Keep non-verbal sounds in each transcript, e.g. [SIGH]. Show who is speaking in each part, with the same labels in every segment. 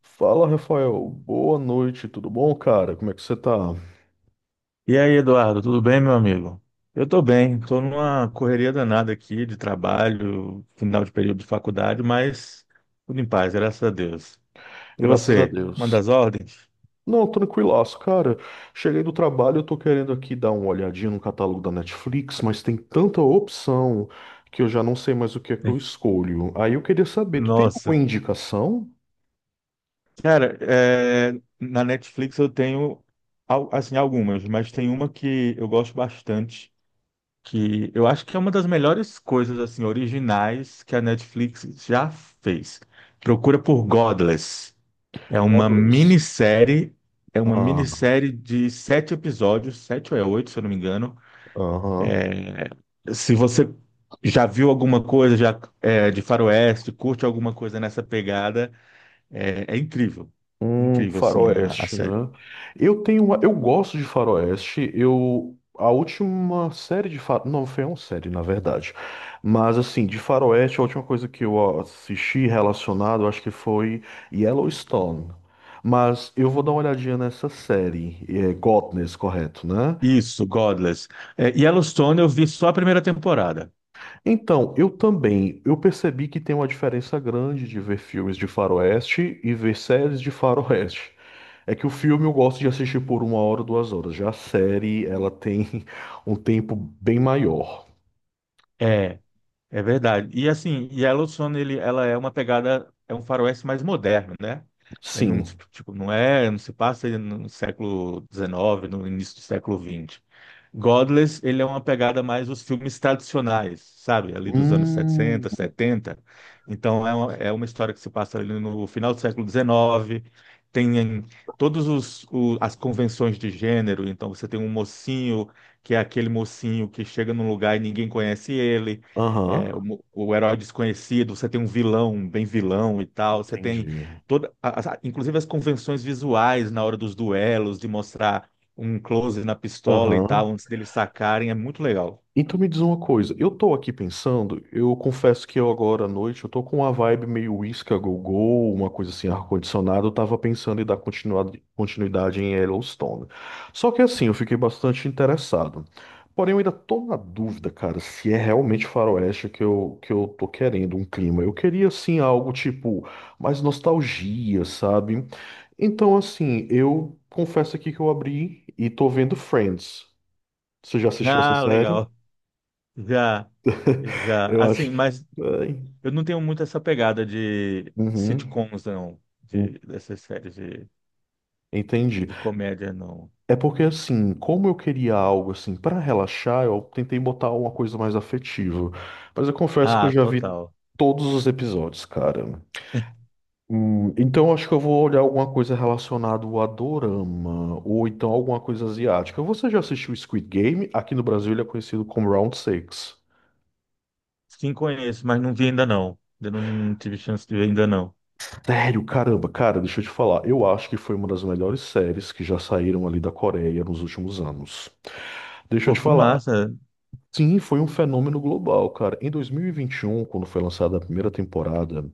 Speaker 1: Fala, Rafael. Boa noite, tudo bom, cara? Como é que você tá?
Speaker 2: E aí, Eduardo, tudo bem, meu amigo? Eu tô bem, tô numa correria danada aqui de trabalho, final de período de faculdade, mas tudo em paz, graças a Deus. E
Speaker 1: Graças a
Speaker 2: você, manda
Speaker 1: Deus.
Speaker 2: as ordens?
Speaker 1: Não, tranquilaço, cara. Cheguei do trabalho, eu tô querendo aqui dar uma olhadinha no catálogo da Netflix, mas tem tanta opção que eu já não sei mais o que é que eu
Speaker 2: [LAUGHS]
Speaker 1: escolho. Aí eu queria saber, tu tem alguma
Speaker 2: Nossa.
Speaker 1: indicação?
Speaker 2: Cara, é, na Netflix eu tenho assim algumas, mas tem uma que eu gosto bastante, que eu acho que é uma das melhores coisas assim originais que a Netflix já fez. Procura por Godless. É uma
Speaker 1: Godless.
Speaker 2: minissérie, é uma
Speaker 1: Ah,
Speaker 2: minissérie de sete episódios, sete ou é oito, se eu não me engano.
Speaker 1: aham.
Speaker 2: É, se você já viu alguma coisa de Faroeste, curte alguma coisa nessa pegada, é incrível. Incrível, assim, a
Speaker 1: Faroeste,
Speaker 2: série.
Speaker 1: né? Eu tenho uma, eu gosto de faroeste. Eu a última série de fa... Não foi uma série, na verdade. Mas assim, de faroeste, a última coisa que eu assisti relacionado, eu acho que foi Yellowstone. Mas eu vou dar uma olhadinha nessa série, é Godness, correto, né?
Speaker 2: Isso, Godless. É, Yellowstone eu vi só a primeira temporada.
Speaker 1: Então, eu também, eu percebi que tem uma diferença grande de ver filmes de faroeste e ver séries de faroeste. É que o filme eu gosto de assistir por uma hora, duas horas. Já a série, ela tem [LAUGHS] um tempo bem maior.
Speaker 2: É. É verdade. E assim, e a Yellowstone, ela é uma pegada, é um faroeste mais moderno, né? Ele não,
Speaker 1: Sim.
Speaker 2: tipo, não é, não se passa no século XIX, no início do século XX. Godless, ele é uma pegada mais os filmes tradicionais, sabe? Ali dos anos
Speaker 1: Hum.
Speaker 2: 60, 70. Então, é uma história que se passa ali no final do século XIX. Tem as convenções de gênero. Então, você tem um mocinho, que é aquele mocinho que chega num lugar e ninguém conhece ele
Speaker 1: Aham.
Speaker 2: o herói desconhecido, você tem um vilão, um bem vilão e tal, você tem
Speaker 1: Entendi.
Speaker 2: toda, inclusive as convenções visuais na hora dos duelos, de mostrar um close na pistola e
Speaker 1: Aham.
Speaker 2: tal, antes deles sacarem, é muito legal.
Speaker 1: Então me diz uma coisa, eu tô aqui pensando, eu confesso que eu agora à noite, eu tô com uma vibe meio uísca go-go, uma coisa assim, ar-condicionado, eu tava pensando em dar continuidade, em Yellowstone. Só que assim, eu fiquei bastante interessado. Porém, eu ainda tô na dúvida, cara, se é realmente faroeste que eu tô querendo, um clima. Eu queria, assim, algo tipo mais nostalgia, sabe? Então, assim, eu confesso aqui que eu abri e tô vendo Friends. Você já assistiu essa
Speaker 2: Ah,
Speaker 1: série?
Speaker 2: legal. Já,
Speaker 1: [LAUGHS]
Speaker 2: já.
Speaker 1: Eu acho
Speaker 2: Assim,
Speaker 1: que.
Speaker 2: mas
Speaker 1: Ai.
Speaker 2: eu não tenho muito essa pegada de
Speaker 1: Uhum.
Speaker 2: sitcoms, não, de, dessas séries
Speaker 1: Entendi.
Speaker 2: de comédia, não.
Speaker 1: É porque assim, como eu queria algo assim para relaxar, eu tentei botar uma coisa mais afetiva. Mas eu confesso que eu
Speaker 2: Ah,
Speaker 1: já vi
Speaker 2: total.
Speaker 1: todos os episódios, cara.
Speaker 2: [LAUGHS]
Speaker 1: Então acho que eu vou olhar alguma coisa relacionada ao Adorama ou então alguma coisa asiática. Você já assistiu Squid Game? Aqui no Brasil ele é conhecido como Round Six.
Speaker 2: Sim, conheço, mas não vi ainda não. Eu não, não tive chance de ver ainda não.
Speaker 1: Sério, caramba, cara, deixa eu te falar. Eu acho que foi uma das melhores séries que já saíram ali da Coreia nos últimos anos. Deixa eu
Speaker 2: Pô,
Speaker 1: te
Speaker 2: que
Speaker 1: falar.
Speaker 2: massa.
Speaker 1: Sim, foi um fenômeno global, cara. Em 2021, quando foi lançada a primeira temporada,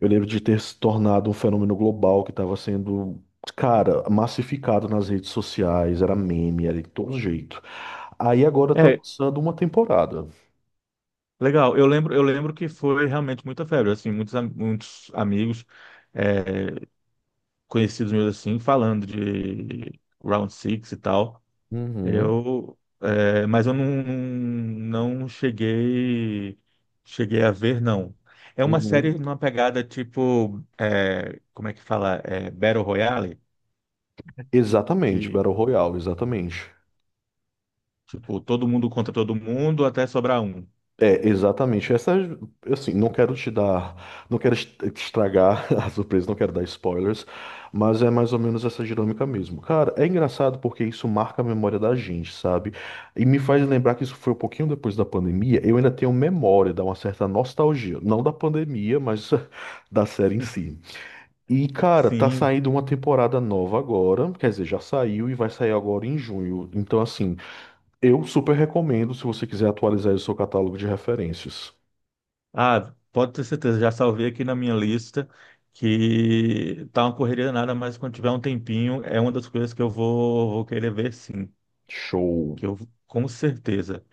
Speaker 1: eu lembro de ter se tornado um fenômeno global que estava sendo, cara, massificado nas redes sociais, era meme, era de todo jeito. Aí agora estão
Speaker 2: É,
Speaker 1: lançando uma temporada.
Speaker 2: legal. Eu lembro que foi realmente muita febre, assim, muitos amigos é, conhecidos meus assim falando de Round Six e tal.
Speaker 1: Uhum,
Speaker 2: Eu, é, mas eu não, não cheguei cheguei a ver, não. É uma série
Speaker 1: uhum.
Speaker 2: numa pegada tipo, é, como é que fala? É, Battle Royale,
Speaker 1: Exatamente,
Speaker 2: que
Speaker 1: Battle Royale, exatamente.
Speaker 2: tipo, todo mundo contra todo mundo até sobrar um.
Speaker 1: É, exatamente. Essa, assim, não quero te dar, não quero est- te estragar [LAUGHS] a surpresa, não quero dar spoilers, mas é mais ou menos essa dinâmica mesmo. Cara, é engraçado porque isso marca a memória da gente, sabe? E me faz lembrar que isso foi um pouquinho depois da pandemia. Eu ainda tenho memória, dá uma certa nostalgia, não da pandemia, mas [LAUGHS] da série em
Speaker 2: [LAUGHS]
Speaker 1: si. E, cara, tá
Speaker 2: Sim,
Speaker 1: saindo uma temporada nova agora, quer dizer, já saiu e vai sair agora em junho. Então, assim, eu super recomendo se você quiser atualizar o seu catálogo de referências.
Speaker 2: ah, pode ter certeza, já salvei aqui na minha lista que tá uma correria nada, mas quando tiver um tempinho, é uma das coisas que vou querer ver sim,
Speaker 1: Show.
Speaker 2: que eu com certeza.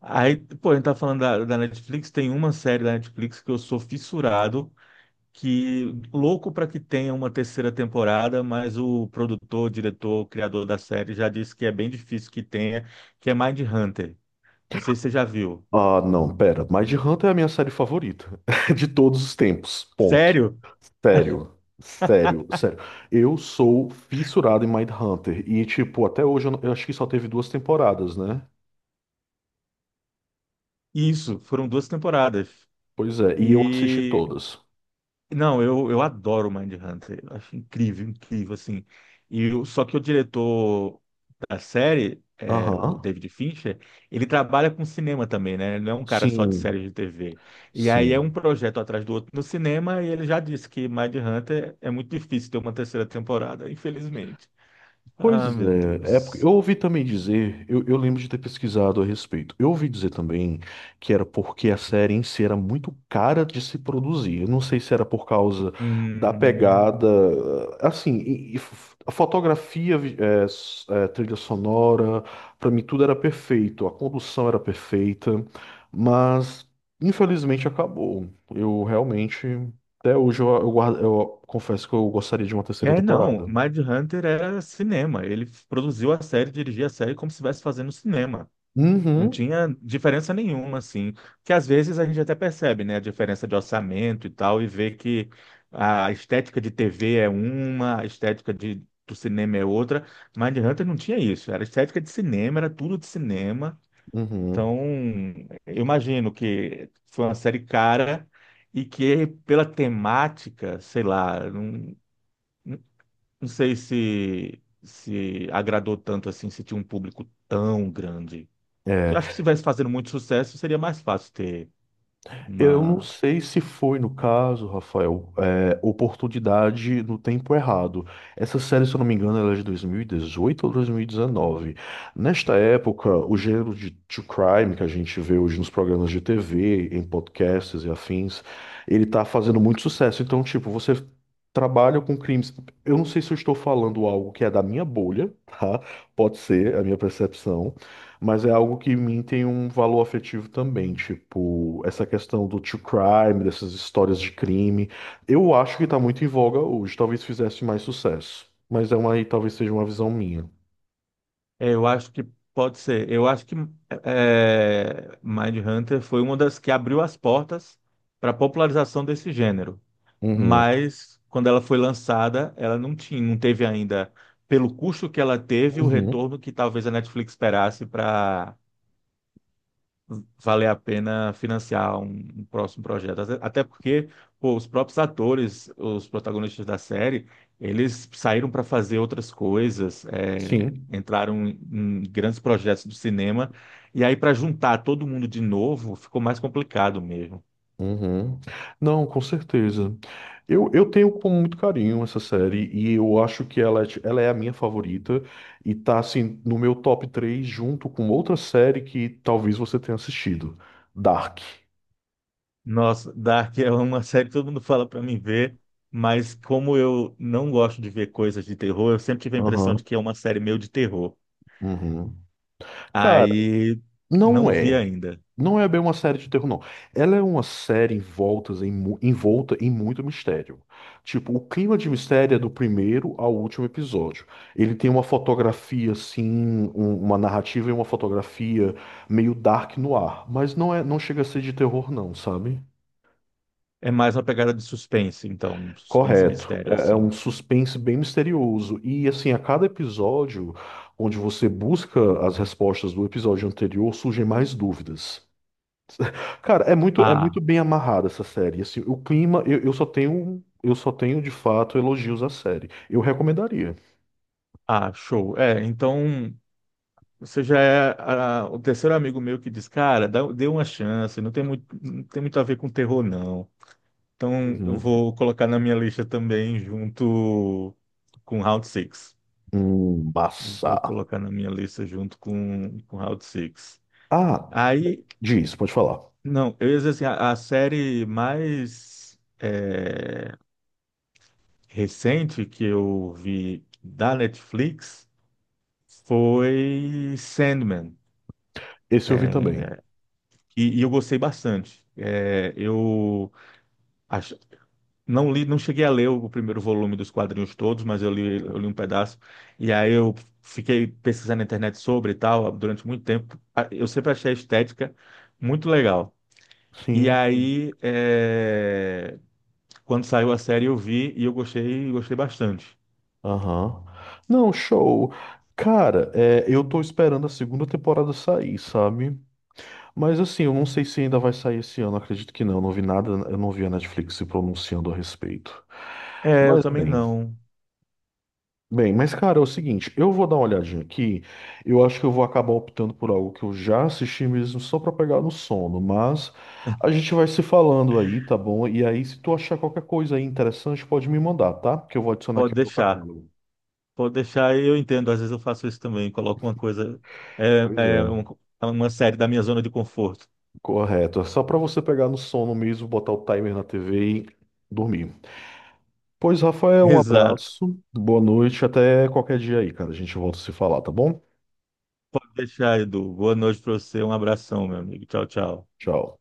Speaker 2: Aí, pô, a gente tá falando da Netflix, tem uma série da Netflix que eu sou fissurado, que louco para que tenha uma terceira temporada, mas o produtor, diretor, criador da série já disse que é bem difícil que tenha, que é Mindhunter. Não sei se você já viu.
Speaker 1: Ah, não, pera. Mind Hunter é a minha série favorita [LAUGHS] de todos os tempos. Ponto.
Speaker 2: Sério?
Speaker 1: Sério. Sério, sério. Eu sou fissurado em Mind Hunter. E, tipo, até hoje eu, não- eu acho que só teve duas temporadas, né?
Speaker 2: Isso, foram duas temporadas.
Speaker 1: Pois é, e eu assisti
Speaker 2: E
Speaker 1: todas.
Speaker 2: não, eu adoro Mindhunter, eu acho incrível, incrível assim. Só que o diretor da série, é, o
Speaker 1: Aham.
Speaker 2: David Fincher, ele trabalha com cinema também, né? Ele não é um cara só de série
Speaker 1: Sim,
Speaker 2: de TV. E aí é
Speaker 1: sim.
Speaker 2: um projeto atrás do outro no cinema e ele já disse que Mindhunter é muito difícil ter uma terceira temporada, [LAUGHS] infelizmente. Ah,
Speaker 1: Pois
Speaker 2: meu
Speaker 1: é, é porque eu
Speaker 2: Deus.
Speaker 1: ouvi também dizer, eu lembro de ter pesquisado a respeito. Eu ouvi dizer também que era porque a série em si era muito cara de se produzir. Eu não sei se era por causa da
Speaker 2: Hum.
Speaker 1: pegada, assim, a fotografia, trilha sonora, pra mim tudo era perfeito, a condução era perfeita, mas infelizmente acabou. Eu realmente, até hoje eu confesso que eu gostaria de uma terceira
Speaker 2: É, não,
Speaker 1: temporada.
Speaker 2: Mindhunter era cinema. Ele produziu a série, dirigia a série como se estivesse fazendo cinema. Não
Speaker 1: Uhum.
Speaker 2: tinha diferença nenhuma, assim. Que às vezes a gente até percebe, né, a diferença de orçamento e tal, e vê que a estética de TV é uma, a estética do cinema é outra. Mindhunter não tinha isso. Era estética de cinema, era tudo de cinema.
Speaker 1: Uhum.
Speaker 2: Então, eu imagino que foi uma série cara e que pela temática, sei lá, não, não sei se agradou tanto assim, se tinha um público tão grande. Eu
Speaker 1: É,
Speaker 2: acho que se estivesse fazendo muito sucesso, seria mais fácil ter
Speaker 1: eu não
Speaker 2: uma.
Speaker 1: sei se foi no caso, Rafael, é, oportunidade no tempo errado. Essa série, se eu não me engano, ela é de 2018 ou 2019. Nesta época, o gênero de true crime que a gente vê hoje nos programas de TV, em podcasts e afins, ele tá fazendo muito sucesso. Então, tipo, você trabalha com crimes. Eu não sei se eu estou falando algo que é da minha bolha, [LAUGHS] tá? Pode ser a minha percepção. Mas é algo que em mim tem um valor afetivo também, tipo, essa questão do true crime, dessas histórias de crime. Eu acho que tá muito em voga hoje, talvez fizesse mais sucesso. Mas é uma, aí talvez seja uma visão minha.
Speaker 2: É, eu acho que pode ser. Eu acho que Mindhunter foi uma das que abriu as portas para a popularização desse gênero.
Speaker 1: Uhum,
Speaker 2: Mas quando ela foi lançada, ela não tinha, não teve ainda, pelo custo que ela teve, o
Speaker 1: uhum,
Speaker 2: retorno que talvez a Netflix esperasse para valer a pena financiar um próximo projeto. Até porque, pô, os próprios atores, os protagonistas da série, eles saíram para fazer outras coisas,
Speaker 1: sim.
Speaker 2: em grandes projetos do cinema, e aí para juntar todo mundo de novo ficou mais complicado mesmo.
Speaker 1: Uhum. Não, com certeza. Eu tenho com muito carinho essa série e eu acho que ela, ela é a minha favorita e tá assim no meu top 3 junto com outra série que talvez você tenha assistido, Dark.
Speaker 2: Nossa, Dark é uma [LAUGHS] série que todo mundo fala para mim ver, mas como eu não gosto de ver coisas de terror, eu sempre tive a impressão de que é uma série meio de terror.
Speaker 1: Uhum. Cara,
Speaker 2: Aí
Speaker 1: não
Speaker 2: não vi
Speaker 1: é.
Speaker 2: ainda.
Speaker 1: Não é bem uma série de terror, não. Ela é uma série envolta em, envolta em muito mistério. Tipo, o clima de mistério é do primeiro ao último episódio. Ele tem uma fotografia, assim, uma narrativa e uma fotografia meio dark no ar. Mas não é, não chega a ser de terror, não, sabe?
Speaker 2: É mais uma pegada de suspense, então, suspense e
Speaker 1: Correto.
Speaker 2: mistério,
Speaker 1: É, é um
Speaker 2: assim.
Speaker 1: suspense bem misterioso. E, assim, a cada episódio, onde você busca as respostas do episódio anterior, surgem mais dúvidas. Cara, é muito
Speaker 2: Ah,
Speaker 1: bem amarrada essa série. Assim, o clima, eu só tenho de fato elogios à série. Eu recomendaria.
Speaker 2: ah, show. É, então, você já é ah, o terceiro amigo meu que diz, cara, dá, dê uma chance, não tem muito a ver com terror, não. Então, eu
Speaker 1: Uhum.
Speaker 2: vou colocar na minha lista também, junto com Round Six. Vou
Speaker 1: Massa.
Speaker 2: colocar na minha lista junto com Round Six.
Speaker 1: Ah,
Speaker 2: Aí,
Speaker 1: diz, pode falar.
Speaker 2: não, eu ia dizer assim, a série mais recente que eu vi da Netflix foi Sandman,
Speaker 1: Esse eu vi também.
Speaker 2: e eu gostei bastante. Ach- não li, não cheguei a ler o primeiro volume dos quadrinhos todos, mas eu
Speaker 1: Uhum.
Speaker 2: li um pedaço. E aí eu fiquei pesquisando na internet sobre e tal durante muito tempo. Eu sempre achei a estética muito legal. E
Speaker 1: Sim.
Speaker 2: aí, é, quando saiu a série, eu vi e eu gostei, gostei bastante.
Speaker 1: Aham. Não, show. Cara, é, eu tô esperando a segunda temporada sair, sabe? Mas assim, eu não sei se ainda vai sair esse ano, acredito que não. Eu não vi nada, eu não vi a Netflix se pronunciando a respeito.
Speaker 2: É, eu
Speaker 1: Mas
Speaker 2: também
Speaker 1: bem.
Speaker 2: não.
Speaker 1: Bem, mas cara, é o seguinte, eu vou dar uma olhadinha aqui. Eu acho que eu vou acabar optando por algo que eu já assisti mesmo só pra pegar no sono, mas a gente vai se falando aí, tá bom? E aí, se tu achar qualquer coisa aí interessante, pode me mandar, tá? Porque eu vou adicionar aqui
Speaker 2: Pode
Speaker 1: no meu
Speaker 2: deixar.
Speaker 1: catálogo.
Speaker 2: Pode deixar, eu entendo. Às vezes eu faço isso também. Coloco uma coisa, é,
Speaker 1: Pois
Speaker 2: é
Speaker 1: é,
Speaker 2: um- é uma série da minha zona de conforto.
Speaker 1: correto. É só pra você pegar no sono mesmo, botar o timer na TV e dormir. Pois,
Speaker 2: [LAUGHS]
Speaker 1: Rafael, um
Speaker 2: Exato.
Speaker 1: abraço, boa noite, até qualquer dia aí, cara. A gente volta a se falar, tá bom?
Speaker 2: Pode deixar, Edu. Boa noite para você. Um abração, meu amigo. Tchau, tchau.
Speaker 1: Tchau.